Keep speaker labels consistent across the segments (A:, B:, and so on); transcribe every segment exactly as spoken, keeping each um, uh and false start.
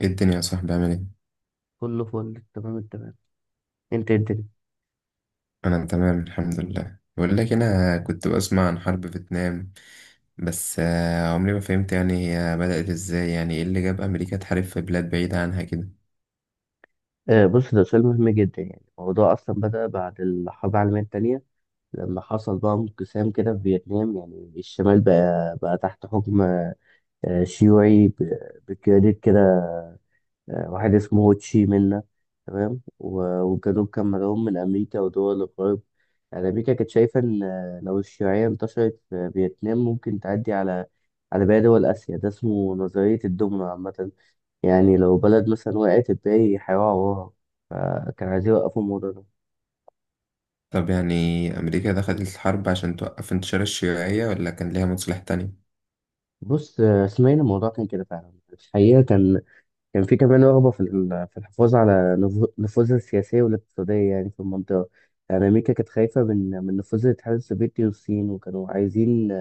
A: ايه الدنيا يا صاحبي عامل ايه؟
B: كله فل تمام التمام. انت إيه الدنيا؟
A: انا تمام الحمد لله. بقول لك انا كنت بسمع عن حرب فيتنام بس آه، عمري ما فهمت يعني هي بدأت ازاي، يعني ايه اللي جاب امريكا تحارب في بلاد بعيدة عنها كده.
B: آه، بص، ده سؤال مهم جدا، يعني الموضوع اصلا بدأ بعد الحرب العالمية التانية. لما حصل بقى انقسام كده في فيتنام، يعني الشمال بقى بقى تحت حكم آه شيوعي، ب- بقيادة كده، آه واحد اسمه هو تشي منا. تمام. و- والجنوب كان مدعوم من امريكا ودول الغرب. يعني امريكا كانت شايفة ان آه، لو الشيوعية انتشرت في فيتنام، ممكن تعدي على على باقي دول اسيا. ده اسمه نظرية الدومينو عامة، يعني لو بلد مثلا وقعت، الباقي هيقعوا وراها، فكان عايزين يوقفوا الموضوع ده.
A: طب يعني امريكا دخلت الحرب عشان توقف انتشار الشيوعية، ولا كان ليها مصلحة تانية؟
B: بص، آه، اسماعيل، الموضوع كان كده فعلا، الحقيقة كان كان في كمان رغبة في ال- في الحفاظ على نفو- نفوذها السياسية والاقتصادية يعني في المنطقة. يعني أمريكا كانت خايفة من من نفوذ الاتحاد السوفيتي والصين، وكانوا عايزين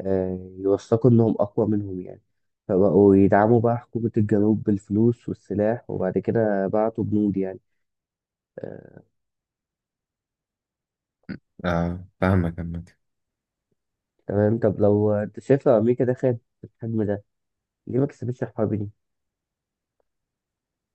B: آه، يوثقوا إنهم أقوى منهم يعني. فبقوا يدعموا بقى حكومة الجنوب بالفلوس والسلاح، وبعد كده بعتوا جنود يعني آه،
A: اه، فاهمك.
B: تمام. طب لو أنت شايف، لو أمريكا دخلت في الحجم ده، ليه ما كسبتش الحرب دي؟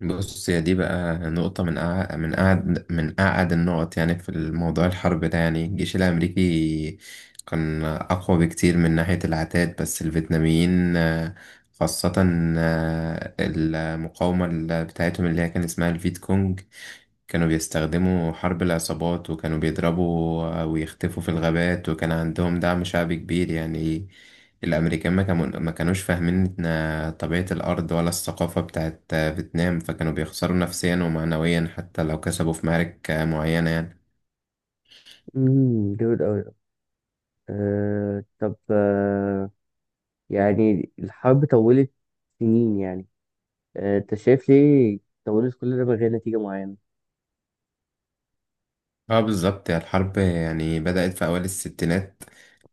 A: بص، هي دي بقى نقطة من أع... من أعد من أعد النقط يعني في الموضوع الحرب ده. يعني الجيش الأمريكي كان أقوى بكتير من ناحية العتاد، بس الفيتناميين آه، خاصة آه، المقاومة ال- بتاعتهم اللي هي كان اسمها الفيت كونج كانوا بيستخدموا حرب العصابات، وكانوا بيضربوا ويختفوا في الغابات، وكان عندهم دعم شعبي كبير يعني. الأمريكان ما كانوا ما كانوش فاهمين إن طبيعة الأرض ولا الثقافة بتاعت فيتنام، فكانوا بيخسروا نفسيا ومعنويا حتى لو كسبوا في معارك معينة يعني.
B: امم جامد أوي ده. أه، طب، أه يعني الحرب طولت سنين يعني. أه أنت شايف ليه طولت كل ده من غير نتيجة معينة؟
A: اه بالظبط، هي الحرب يعني بدأت في أوائل الستينات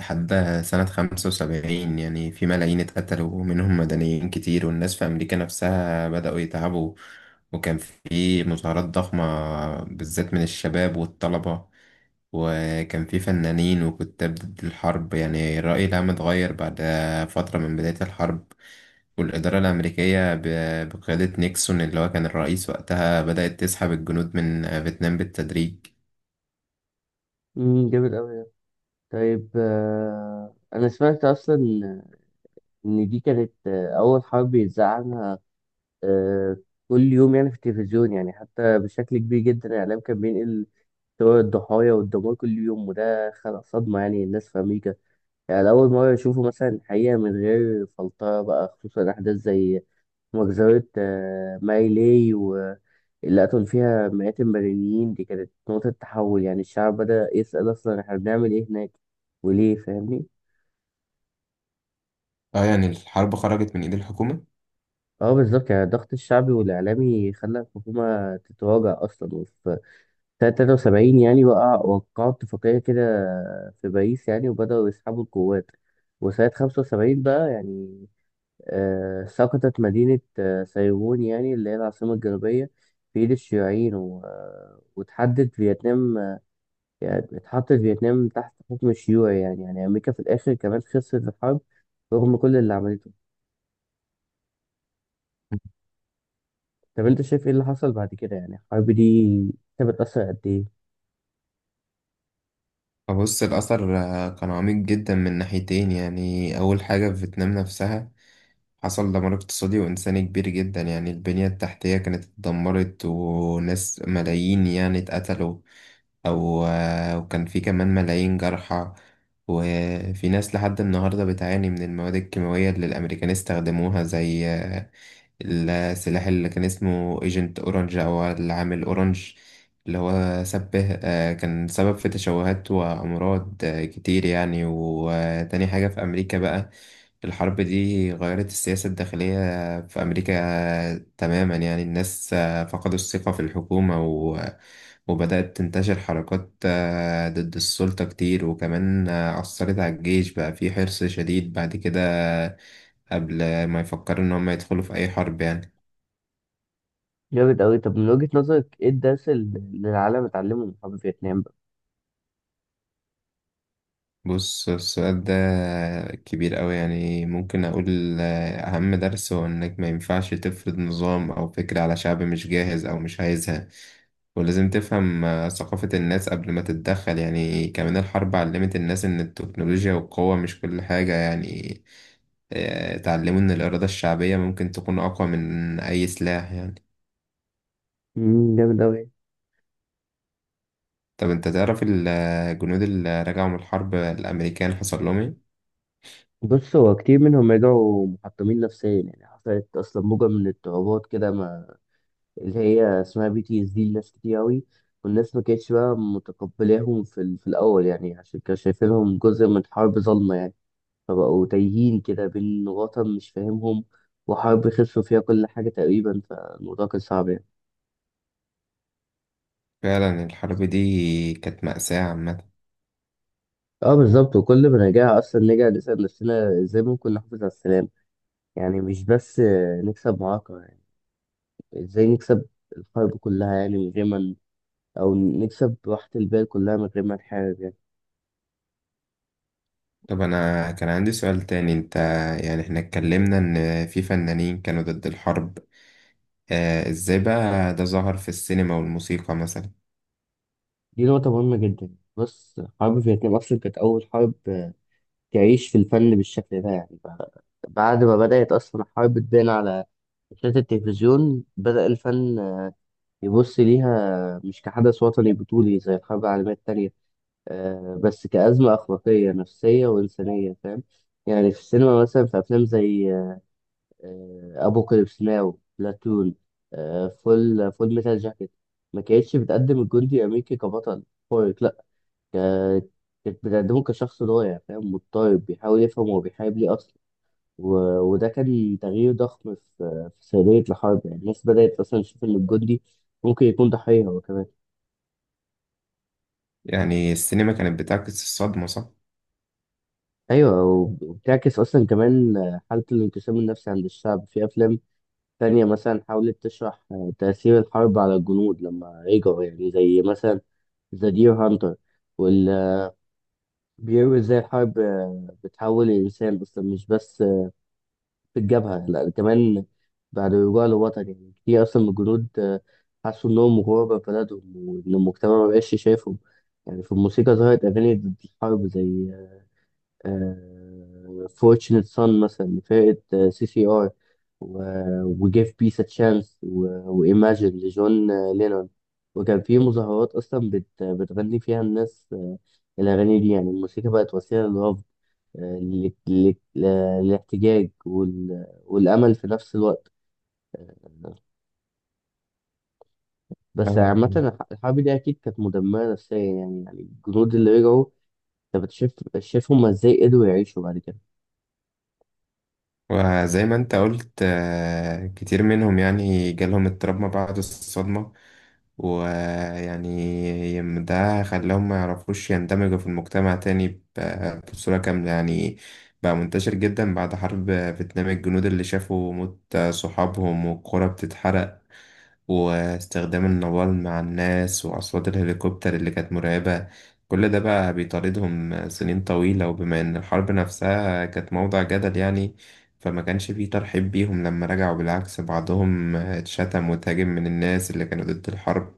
A: لحد سنة خمسة وسبعين، يعني في ملايين اتقتلوا ومنهم مدنيين كتير، والناس في أمريكا نفسها بدأوا يتعبوا، وكان في مظاهرات ضخمة بالذات من الشباب والطلبة، وكان في فنانين وكتاب ضد الحرب. يعني الرأي العام اتغير بعد فترة من بداية الحرب، والإدارة الأمريكية ب- بقيادة نيكسون اللي هو كان الرئيس وقتها بدأت تسحب الجنود من فيتنام بالتدريج.
B: امم جامد أوي ده. طيب، أه أنا سمعت أصلا إن دي كانت آه، أول حرب يتذاع عنها. أه، كل يوم يعني في التلفزيون، يعني حتى بشكل كبير جدا الإعلام كان بينقل صور الضحايا والدمار كل يوم، وده خلق صدمة يعني للناس في أمريكا. يعني لأول مرة يشوفوا مثلا الحقيقة من غير فلترة بقى، خصوصا أحداث زي مجزرة آه، ماري لاي، واللي قتلوا فيها مئات المدنيين. دي كانت نقطة تحول، يعني الشعب بدأ يسأل أصلا إحنا بنعمل إيه هناك وليه، فاهمني؟
A: اه يعني الحرب خرجت من ايد الحكومة.
B: اه، بالظبط. يعني الضغط الشعبي والإعلامي خلى الحكومة تتراجع أصلا. وفي سنة تلاتة وسبعين يعني وقع وقعوا اتفاقية كده في باريس يعني، وبدأوا يسحبوا القوات. وسنة خمسة وسبعين بقى يعني، آه، سقطت مدينة آه، سايغون يعني، اللي هي العاصمة الجنوبية، في إيد الشيوعيين، و... آه، وتحدد فيتنام آه، يعني اتحطت فيتنام تحت حكم الشيوعي يعني، يعني أمريكا في الآخر كمان خسرت الحرب رغم كل اللي عملته. طب أنت شايف إيه اللي حصل بعد كده، يعني الحرب دي كانت بتأثر قد إيه؟
A: فبص، الأثر آه، كان عميق جدا من ناحيتين. يعني أول حاجة في فيتنام نفسها حصل دمار اقتصادي وإنساني كبير جدا، يعني البنية التحتية كانت اتدمرت، وناس ملايين يعني اتقتلوا أو آه، وكان في كمان ملايين جرحى، وفي ناس لحد النهاردة بتعاني من المواد الكيماوية اللي الأمريكان استخدموها زي آه، السلاح اللي كان اسمه ايجنت اورنج او العامل اورنج اللي هو سبه آه، كان سبب في تشوهات وامراض آه، كتير يعني. وتاني حاجة في امريكا بقى، الحرب دي غيرت السياسة الداخلية في امريكا آه، تماما. يعني الناس آه، فقدوا الثقة في الحكومة، و وبدأت تنتشر حركات آه، ضد السلطة كتير، وكمان آه، أثرت على الجيش بقى في حرص شديد بعد كده قبل ما يفكروا إن هم يدخلوا في أي حرب يعني.
B: جامد أوي. طب، من وجهة نظرك إيه الدرس اللي اللي العالم اتعلمه من حرب فيتنام بقى؟
A: بص السؤال ده كبير أوي. يعني ممكن أقول آه، أهم درس هو إنك ما ينفعش تفرض نظام أو فكرة على شعب مش جاهز أو مش عايزها، ولازم تفهم آه، ثقافة الناس قبل ما تتدخل يعني. كمان الحرب علمت الناس إن التكنولوجيا والقوة مش كل حاجة يعني. آه، اتعلموا إن الإرادة الشعبية ممكن تكون أقوى من أي سلاح يعني.
B: مم، جامد أوي.
A: طب أنت تعرف الجنود اللي رجعوا من الحرب الأمريكان حصل لهم إيه؟
B: بص، هو كتير منهم رجعوا محطمين نفسيا، يعني حصلت أصلا موجة من الاضطرابات كده اللي هي اسمها بي تي اس دي، لناس كتير أوي. والناس ما كانتش بقى متقبلاهم في, ال- في الأول يعني، عشان كانوا شايفينهم جزء من حرب ظلمة يعني. فبقوا تايهين كده بين وطن مش فاهمهم وحرب خسروا فيها كل حاجة تقريبا، فالموضوع كان صعب يعني.
A: فعلا الحرب دي كانت مأساة عامة.
B: اه، بالظبط. وكل ما نرجع أصلا، نرجع نسأل نفسنا ازاي ممكن نحافظ على السلام، يعني مش بس آه، نكسب معركة يعني. ازاي نكسب الحرب كلها يعني، من غير ما ن- أو نكسب راحة البال كلها من غير ما نحارب يعني.
A: طب أنا كان عندي سؤال تاني. أنت يعني إحنا اتكلمنا إن في فنانين كانوا ضد الحرب، آه إزاي بقى ده ظهر في السينما والموسيقى مثلا؟
B: دي نقطة مهمة جدا. بص، حرب فيتنام أصلا كانت أول حرب آه، تعيش في الفن بالشكل ده يعني. ب- بعد ما بدأت أصلا الحرب تبان على شاشات التلفزيون، بدأ الفن آه، يبص ليها مش كحدث وطني بطولي زي الحرب العالمية التانية، آه، بس كأزمة أخلاقية نفسية وإنسانية، فاهم؟ يعني في السينما مثلا، في أفلام زي أبوكاليبس ناو، بلاتون، آه، فول فول ميتال جاكيت، ما كانتش بتقدم الجندي الأمريكي كبطل خارق، لأ، ك- كانت بتقدمه كشخص ضايع، فاهم، مضطرب، بيحاول يفهم هو بيحارب ليه أصلا. و... وده كان تغيير ضخم في في سردية الحرب، يعني الناس بدأت أصلا تشوف إن الجندي ممكن يكون ضحية هو كمان.
A: يعني السينما كانت بتعكس الصدمة، صح؟
B: أيوة، وب- وبتعكس أصلا كمان حالة الانقسام النفسي عند الشعب. في أفلام تانية مثلا حاولت تشرح تأثير الحرب على الجنود لما رجعوا، يعني زي مثلا ذا دير هانتر وال بيروي ازاي الحرب بتحول الإنسان أصلا، مش بس في الجبهة، لا، كمان بعد رجوع للوطن. يعني كتير أصلا من الجنود آه، حسوا إنهم غربة في بلدهم وإن المجتمع مبقاش شايفهم. يعني في الموسيقى ظهرت أغاني ضد الحرب زي آه، Fortunate Son مثلا لفرقة سي سي آر، و Give Peace a Chance، و و Imagine لجون آه، لينون. وكان في مظاهرات أصلا بت بتغني فيها الناس آه، الأغاني دي. يعني الموسيقى بقت وسيلة للرفض، ال- ال- الاحتجاج، وال- والأمل في نفس الوقت. بس عامة
A: فاهمك.
B: الحرب دي أكيد كانت مدمرة نفسيا يعني. يعني الجنود اللي رجعوا، أنت بتشوف شايف هما إزاي قدروا يعيشوا بعد كده؟
A: وزي ما انت قلت آه، كتير منهم يعني جالهم اضطراب ما بعد الصدمة، ويعني يم- ده خلاهم ما يعرفوش يندمجوا في المجتمع تاني ب- بصورة كاملة يعني. بقى منتشر جدا بعد حرب فيتنام، الجنود اللي شافوا موت صحابهم والقرى بتتحرق واستخدام النوال مع الناس وأصوات الهليكوبتر اللي كانت مرعبة، كل ده بقى بيطاردهم سنين طويلة. وبما إن الحرب نفسها كانت موضع جدل يعني، فما كانش فيه ترحيب بيهم لما رجعوا، بالعكس بعضهم اتشتم وتهاجم من الناس اللي كانوا ضد الحرب،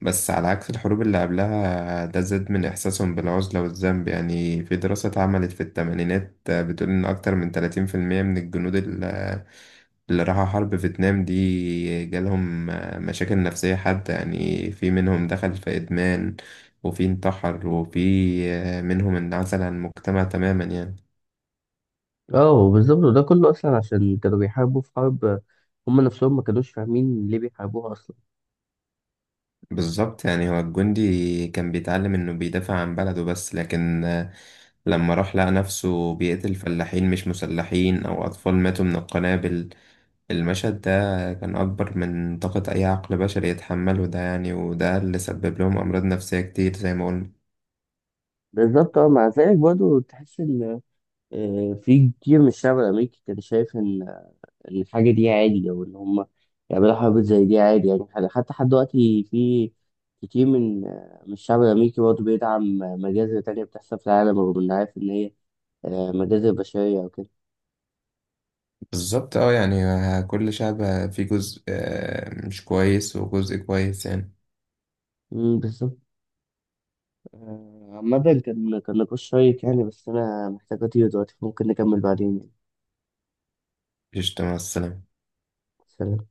A: بس على عكس الحروب اللي قبلها ده زاد من إحساسهم بالعزلة والذنب يعني. في دراسة اتعملت في الثمانينات بتقول إن أكتر من ثلاثين في المئة من الجنود ال اللي راحوا حرب فيتنام دي جالهم مشاكل نفسية، حتى يعني في منهم دخل في إدمان، وفي انتحر، وفي منهم انعزل عن المجتمع تماما يعني.
B: اه، بالظبط. وده كله أصلا عشان كانوا بيحاربوا في حرب هما نفسهم ما كانوش فاهمين ليه بيحاربوها أصلا.
A: بالظبط، يعني هو الجندي كان بيتعلم إنه بيدافع عن بلده بس، لكن لما راح لقى نفسه بيقتل فلاحين مش مسلحين أو أطفال ماتوا من القنابل، المشهد ده كان أكبر من طاقة أي عقل بشري يتحمله ده يعني، وده اللي سبب لهم أمراض نفسية كتير زي ما قلنا.
B: بالظبط، اه، مع ذلك برضه تحس إن آه، في كتير من الشعب الأمريكي كان شايف إن الحاجة دي عادي، أو إن هم يعملوا حرب زي دي عادي يعني. حد- حتى لحد دلوقتي في كتير من من الشعب الأمريكي برضه بيدعم مجازر تانية بتحصل في العالم، رغم إنه عارف إن هي آه، مجازر بشرية أو كده.
A: بالظبط اه، يعني كل شعب فيه جزء آه، مش كويس وجزء كويس يعني.
B: أمم، بالظبط. آه، عامة، كان كان نقاش شيق يعني، بس أنا محتاج أطير دلوقتي، ممكن نكمل بعدين يعني.
A: قشطة، مع السلامة.
B: سلام.